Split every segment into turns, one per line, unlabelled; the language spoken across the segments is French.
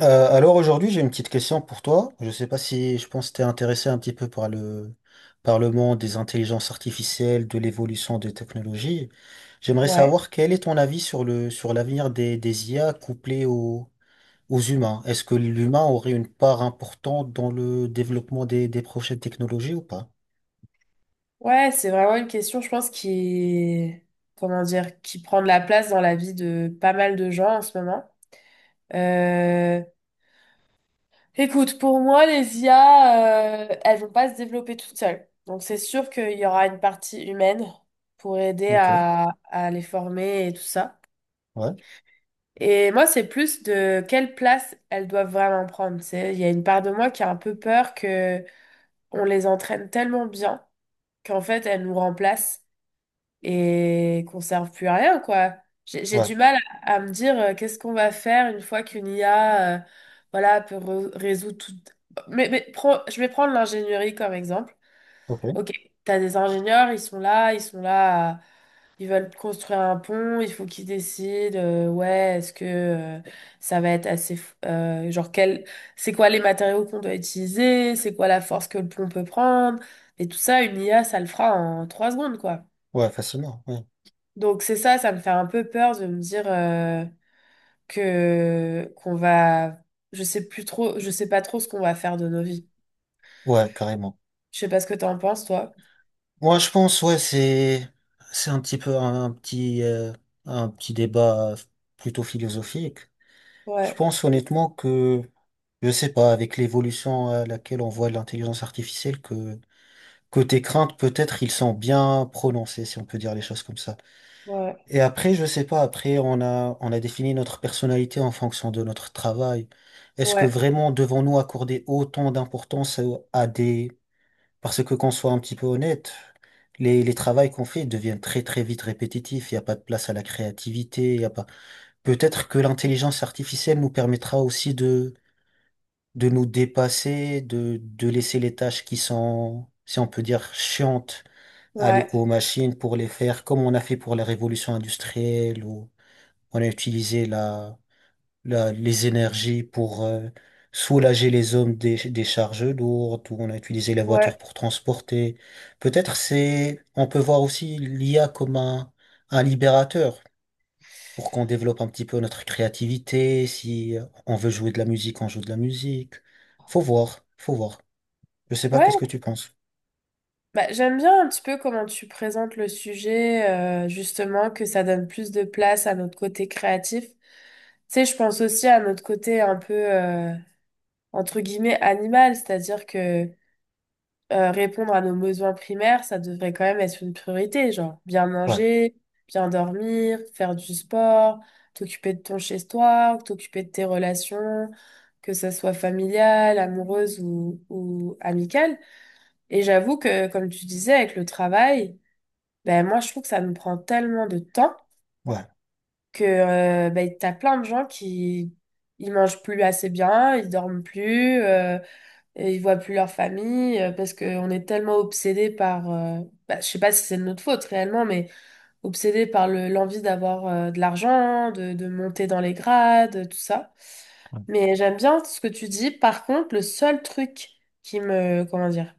Alors aujourd'hui, j'ai une petite question pour toi. Je ne sais pas si je pense que tu es intéressé un petit peu par par le monde des intelligences artificielles, de l'évolution des technologies. J'aimerais
Ouais.
savoir quel est ton avis sur sur l'avenir des IA couplées aux humains. Est-ce que l'humain aurait une part importante dans le développement des prochaines technologies ou pas?
Ouais, c'est vraiment une question, je pense, qui est, comment dire, qui prend de la place dans la vie de pas mal de gens en ce moment. Euh, Écoute, pour moi, les IA, elles vont pas se développer toutes seules. Donc, c'est sûr qu'il y aura une partie humaine pour aider
Ok.
à les former et tout ça.
Ouais,
Et moi, c'est plus de quelle place elles doivent vraiment prendre. C'est, il y a une part de moi qui a un peu peur que on les entraîne tellement bien qu'en fait, elles nous remplacent et qu'on serve plus à rien, quoi. J'ai
ouais,
du mal à me dire qu'est-ce qu'on va faire une fois qu'une IA voilà, peut résoudre tout. Mais je vais prendre l'ingénierie comme exemple.
ok,
Ok, t'as des ingénieurs, ils sont là, ils sont là, ils veulent construire un pont, il faut qu'ils décident, ouais, est-ce que ça va être assez, genre quel, c'est quoi les matériaux qu'on doit utiliser, c'est quoi la force que le pont peut prendre, et tout ça, une IA, ça le fera en 3 secondes, quoi.
ouais, facilement, ouais,
Donc c'est ça, ça me fait un peu peur de me dire que qu'on va, je sais plus trop, je sais pas trop ce qu'on va faire de nos vies.
ouais, carrément.
Je sais pas ce que t'en penses, toi.
Moi, je pense, ouais, c'est un petit peu un petit débat plutôt philosophique. Je
Ouais,
pense honnêtement que je sais pas, avec l'évolution à laquelle on voit l'intelligence artificielle, que côté crainte peut-être ils sont bien prononcés, si on peut dire les choses comme ça.
ouais,
Et après, je sais pas, après on a défini notre personnalité en fonction de notre travail. Est-ce que
ouais,
vraiment devons-nous accorder autant d'importance à des, parce que qu'on soit un petit peu honnête, les travails qu'on fait deviennent très très vite répétitifs, il n'y a pas de place à la créativité, il y a pas... Peut-être que l'intelligence artificielle nous permettra aussi de nous dépasser, de laisser les tâches qui sont, si on peut dire, chiantes, aller
ouais,
aux machines pour les faire, comme on a fait pour la révolution industrielle, où on a utilisé les énergies pour soulager les hommes des charges lourdes, où on a utilisé la voiture
ouais,
pour transporter. Peut-être c'est, on peut voir aussi l'IA comme un libérateur pour qu'on développe un petit peu notre créativité. Si on veut jouer de la musique, on joue de la musique. Faut voir, faut voir. Je sais pas, qu'est-ce que
ouais.
tu penses?
Bah, j'aime bien un petit peu comment tu présentes le sujet, justement, que ça donne plus de place à notre côté créatif. Tu sais, je pense aussi à notre côté un peu, entre guillemets, animal, c'est-à-dire que répondre à nos besoins primaires, ça devrait quand même être une priorité, genre bien
Ouais,
manger, bien dormir, faire du sport, t'occuper de ton chez-toi, t'occuper de tes relations, que ça soit familiale, amoureuse ou amicale. Et j'avoue que, comme tu disais, avec le travail, ben moi je trouve que ça nous prend tellement de temps
ouais,
que ben, t'as plein de gens qui ils mangent plus assez bien, ils dorment plus. Et ils voient plus leur famille parce qu'on est tellement obsédé par, bah, je sais pas si c'est de notre faute réellement, mais obsédé par le, l'envie d'avoir de l'argent, de monter dans les grades, tout ça. Mais j'aime bien ce que tu dis. Par contre, le seul truc qui me, comment dire,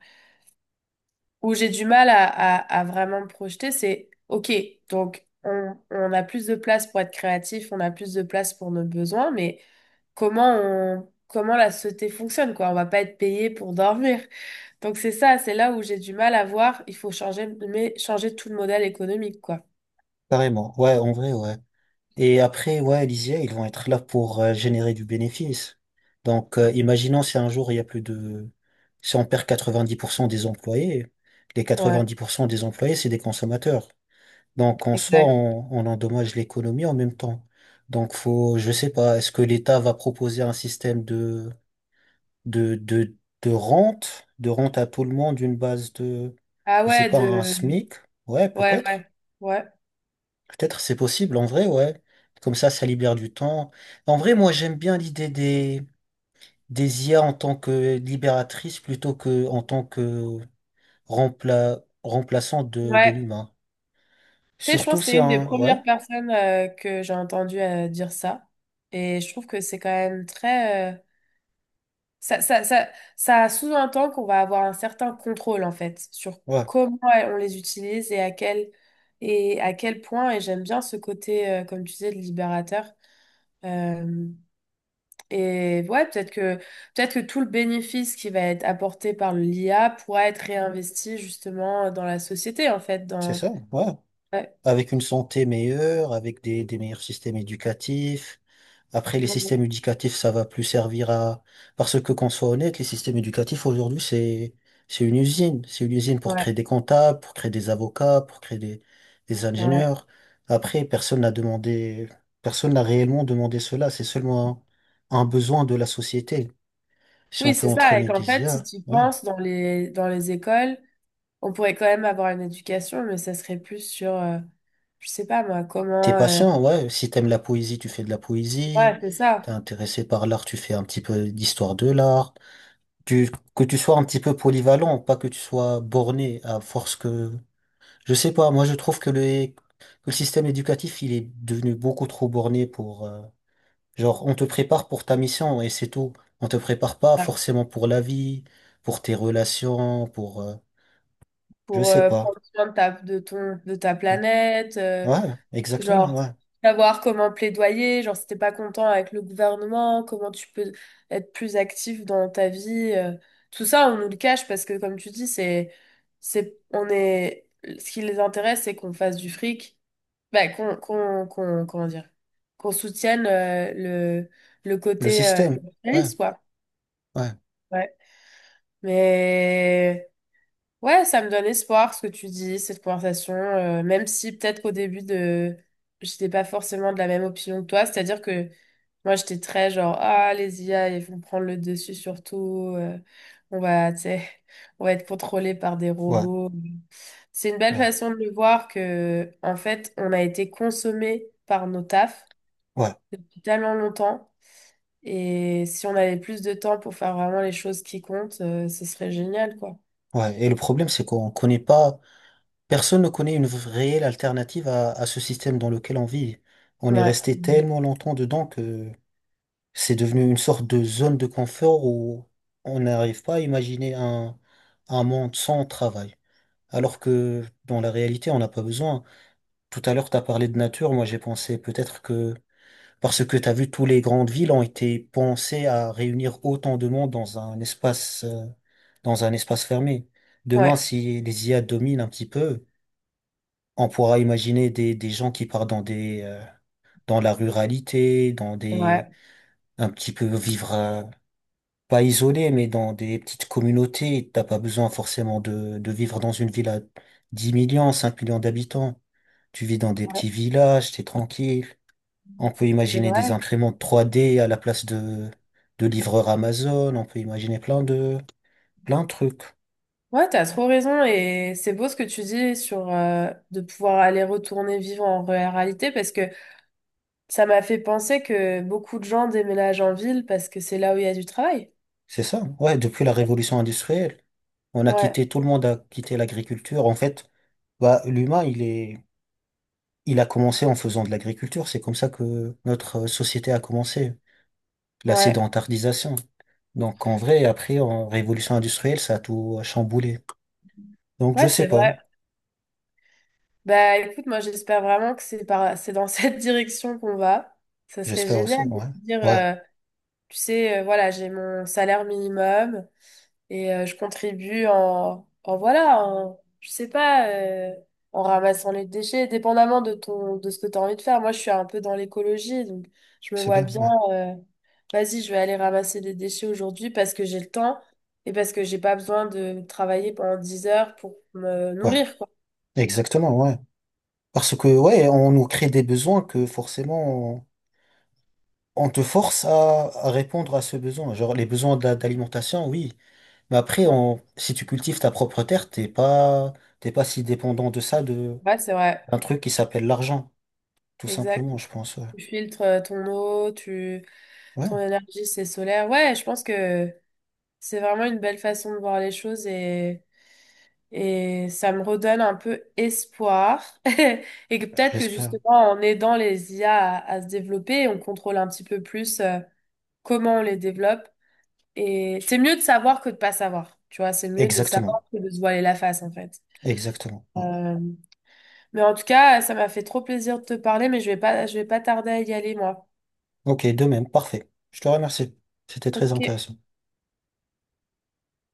où j'ai du mal à vraiment me projeter, c'est, OK, donc on a plus de place pour être créatif, on a plus de place pour nos besoins, mais comment on, comment la société fonctionne, quoi? On va pas être payé pour dormir. Donc c'est ça, c'est là où j'ai du mal à voir. Il faut changer, mais changer tout le modèle économique, quoi.
carrément. Ouais, en vrai, ouais. Et après, ouais, les IA, ils vont être là pour générer du bénéfice. Donc, imaginons si un jour, il y a plus de... Si on perd 90% des employés, les
Ouais,
90% des employés, c'est des consommateurs. Donc, en soi,
exact.
on endommage l'économie en même temps. Donc, faut, je sais pas, est-ce que l'État va proposer un système de, de, de rente à tout le monde, une base de,
Ah
je sais
ouais,
pas, un
de.
SMIC? Ouais,
Ouais,
peut-être.
ouais, ouais,
Peut-être c'est possible, en vrai, ouais. Comme ça libère du temps. En vrai, moi, j'aime bien l'idée des IA en tant que libératrice plutôt que en tant que remplaçant de
ouais.
l'humain.
Tu sais, je pense
Surtout,
que
c'est
c'est une des
un... Ouais,
premières personnes que j'ai entendu dire ça. Et je trouve que c'est quand même très. Ça, ça, ça, ça sous-entend qu'on va avoir un certain contrôle, en fait, sur
ouais,
comment on les utilise et à quel point. Et j'aime bien ce côté, comme tu disais, de libérateur. Euh, Et ouais, peut-être que tout le bénéfice qui va être apporté par l'IA pourra être réinvesti justement dans la société, en fait,
c'est
dans
ça, ouais.
ouais,
Avec une santé meilleure, avec des meilleurs systèmes éducatifs. Après, les
non, non,
systèmes éducatifs, ça va plus servir à... Parce que qu'on soit honnête, les systèmes éducatifs aujourd'hui, c'est une usine. C'est une usine pour
ouais,
créer des comptables, pour créer des avocats, pour créer des
ouais.
ingénieurs. Après, personne n'a demandé, personne n'a réellement demandé cela. C'est seulement un besoin de la société. Si on
Oui,
peut
c'est ça. Et
entraîner
qu'en
des
fait, si
IA,
tu
ouais.
penses dans les écoles, on pourrait quand même avoir une éducation, mais ça serait plus sur je sais pas moi,
T'es
comment
patient, ouais. Si t'aimes la poésie, tu fais de la poésie.
ouais, c'est
T'es
ça.
intéressé par l'art, tu fais un petit peu d'histoire de l'art. Que tu sois un petit peu polyvalent, pas que tu sois borné à force que... Je sais pas, moi je trouve que que le système éducatif, il est devenu beaucoup trop borné pour... genre, on te prépare pour ta mission et c'est tout. On te prépare pas
Ouais.
forcément pour la vie, pour tes relations, pour... je
Pour
sais pas.
prendre soin de ta de ton de ta planète,
Ouais, exactement,
genre,
ouais.
savoir comment plaidoyer, genre si t'es pas content avec le gouvernement, comment tu peux être plus actif dans ta vie. Tout ça, on nous le cache parce que, comme tu dis, c'est, on est, ce qui les intéresse, c'est qu'on fasse du fric, bah, comment dire, qu'on soutienne le
Le
côté
système, ouais,
capitaliste, quoi.
ouais,
Ouais. Mais ouais, ça me donne espoir ce que tu dis, cette conversation, même si peut-être qu'au début de j'étais pas forcément de la même opinion que toi, c'est-à-dire que moi j'étais très genre ah les IA ils vont prendre le dessus surtout on va tu sais on va être contrôlé par des
ouais,
robots. C'est une belle
ouais,
façon de le voir que en fait, on a été consommé par nos tafs
ouais,
depuis tellement longtemps et si on avait plus de temps pour faire vraiment les choses qui comptent, ce serait génial quoi.
ouais. Et le problème, c'est qu'on connaît pas... Personne ne connaît une réelle alternative à ce système dans lequel on vit. On est
Ouais.
resté tellement longtemps dedans que c'est devenu une sorte de zone de confort où on n'arrive pas à imaginer un monde sans travail. Alors que dans la réalité, on n'a pas besoin. Tout à l'heure, tu as parlé de nature. Moi, j'ai pensé peut-être que, parce que tu as vu, toutes les grandes villes ont été pensées à réunir autant de monde dans un espace fermé. Demain,
Ouais.
si les IA dominent un petit peu, on pourra imaginer des gens qui partent dans des dans la ruralité, dans des un petit peu vivre pas isolé, mais dans des petites communautés. T'as pas besoin forcément de vivre dans une ville à 10 millions, 5 millions d'habitants. Tu vis dans des
Ouais.
petits villages, t'es tranquille. On peut
C'est
imaginer des
vrai.
imprimantes 3D à la place de livreurs Amazon. On peut imaginer plein de trucs.
Ouais, t'as trop raison et c'est beau ce que tu dis sur de pouvoir aller retourner vivre en réalité parce que ça m'a fait penser que beaucoup de gens déménagent en ville parce que c'est là où il y a du travail.
C'est ça. Ouais, depuis la révolution industrielle, on a
Ouais,
quitté tout le monde a quitté l'agriculture. En fait. Bah, l'humain, il est, il a commencé en faisant de l'agriculture. C'est comme ça que notre société a commencé, la
ouais,
sédentarisation. Donc, en vrai, après, en révolution industrielle, ça a tout chamboulé. Donc, je
ouais,
sais
c'est
pas.
vrai. Bah écoute, moi j'espère vraiment que c'est dans cette direction qu'on va. Ça serait
J'espère
génial
aussi.
de
Ouais.
se dire,
Ouais.
tu sais, voilà, j'ai mon salaire minimum. Et je contribue en, en voilà, en, je sais pas, en ramassant les déchets, dépendamment de ton, de ce que tu as envie de faire. Moi, je suis un peu dans l'écologie, donc je me
C'est
vois
bien.
bien,
Ouais.
euh, vas-y, je vais aller ramasser des déchets aujourd'hui parce que j'ai le temps et parce que j'ai pas besoin de travailler pendant 10 heures pour me
Ouais.
nourrir, quoi.
Exactement. Ouais. Parce que, ouais, on nous crée des besoins que forcément, on te force à répondre à ce besoin. Genre, les besoins d'alimentation, oui. Mais après,
Ouais,
on, si tu cultives ta propre terre, t'es pas si dépendant de ça,
ouais, c'est vrai,
un truc qui s'appelle l'argent, tout
exact.
simplement, je pense. Ouais,
Tu filtres ton eau, ton
ouais,
énergie, c'est solaire. Ouais, je pense que c'est vraiment une belle façon de voir les choses et ça me redonne un peu espoir. Et que peut-être que
j'espère.
justement, en aidant les IA à se développer, on contrôle un petit peu plus comment on les développe. Et c'est mieux de savoir que de pas savoir. Tu vois, c'est mieux de
Exactement,
savoir que de se voiler la face, en fait.
exactement. Voilà.
Euh, mais en tout cas, ça m'a fait trop plaisir de te parler, mais je vais pas tarder à y aller, moi.
Ok, de même, parfait. Je te remercie. C'était très
Ok.
intéressant.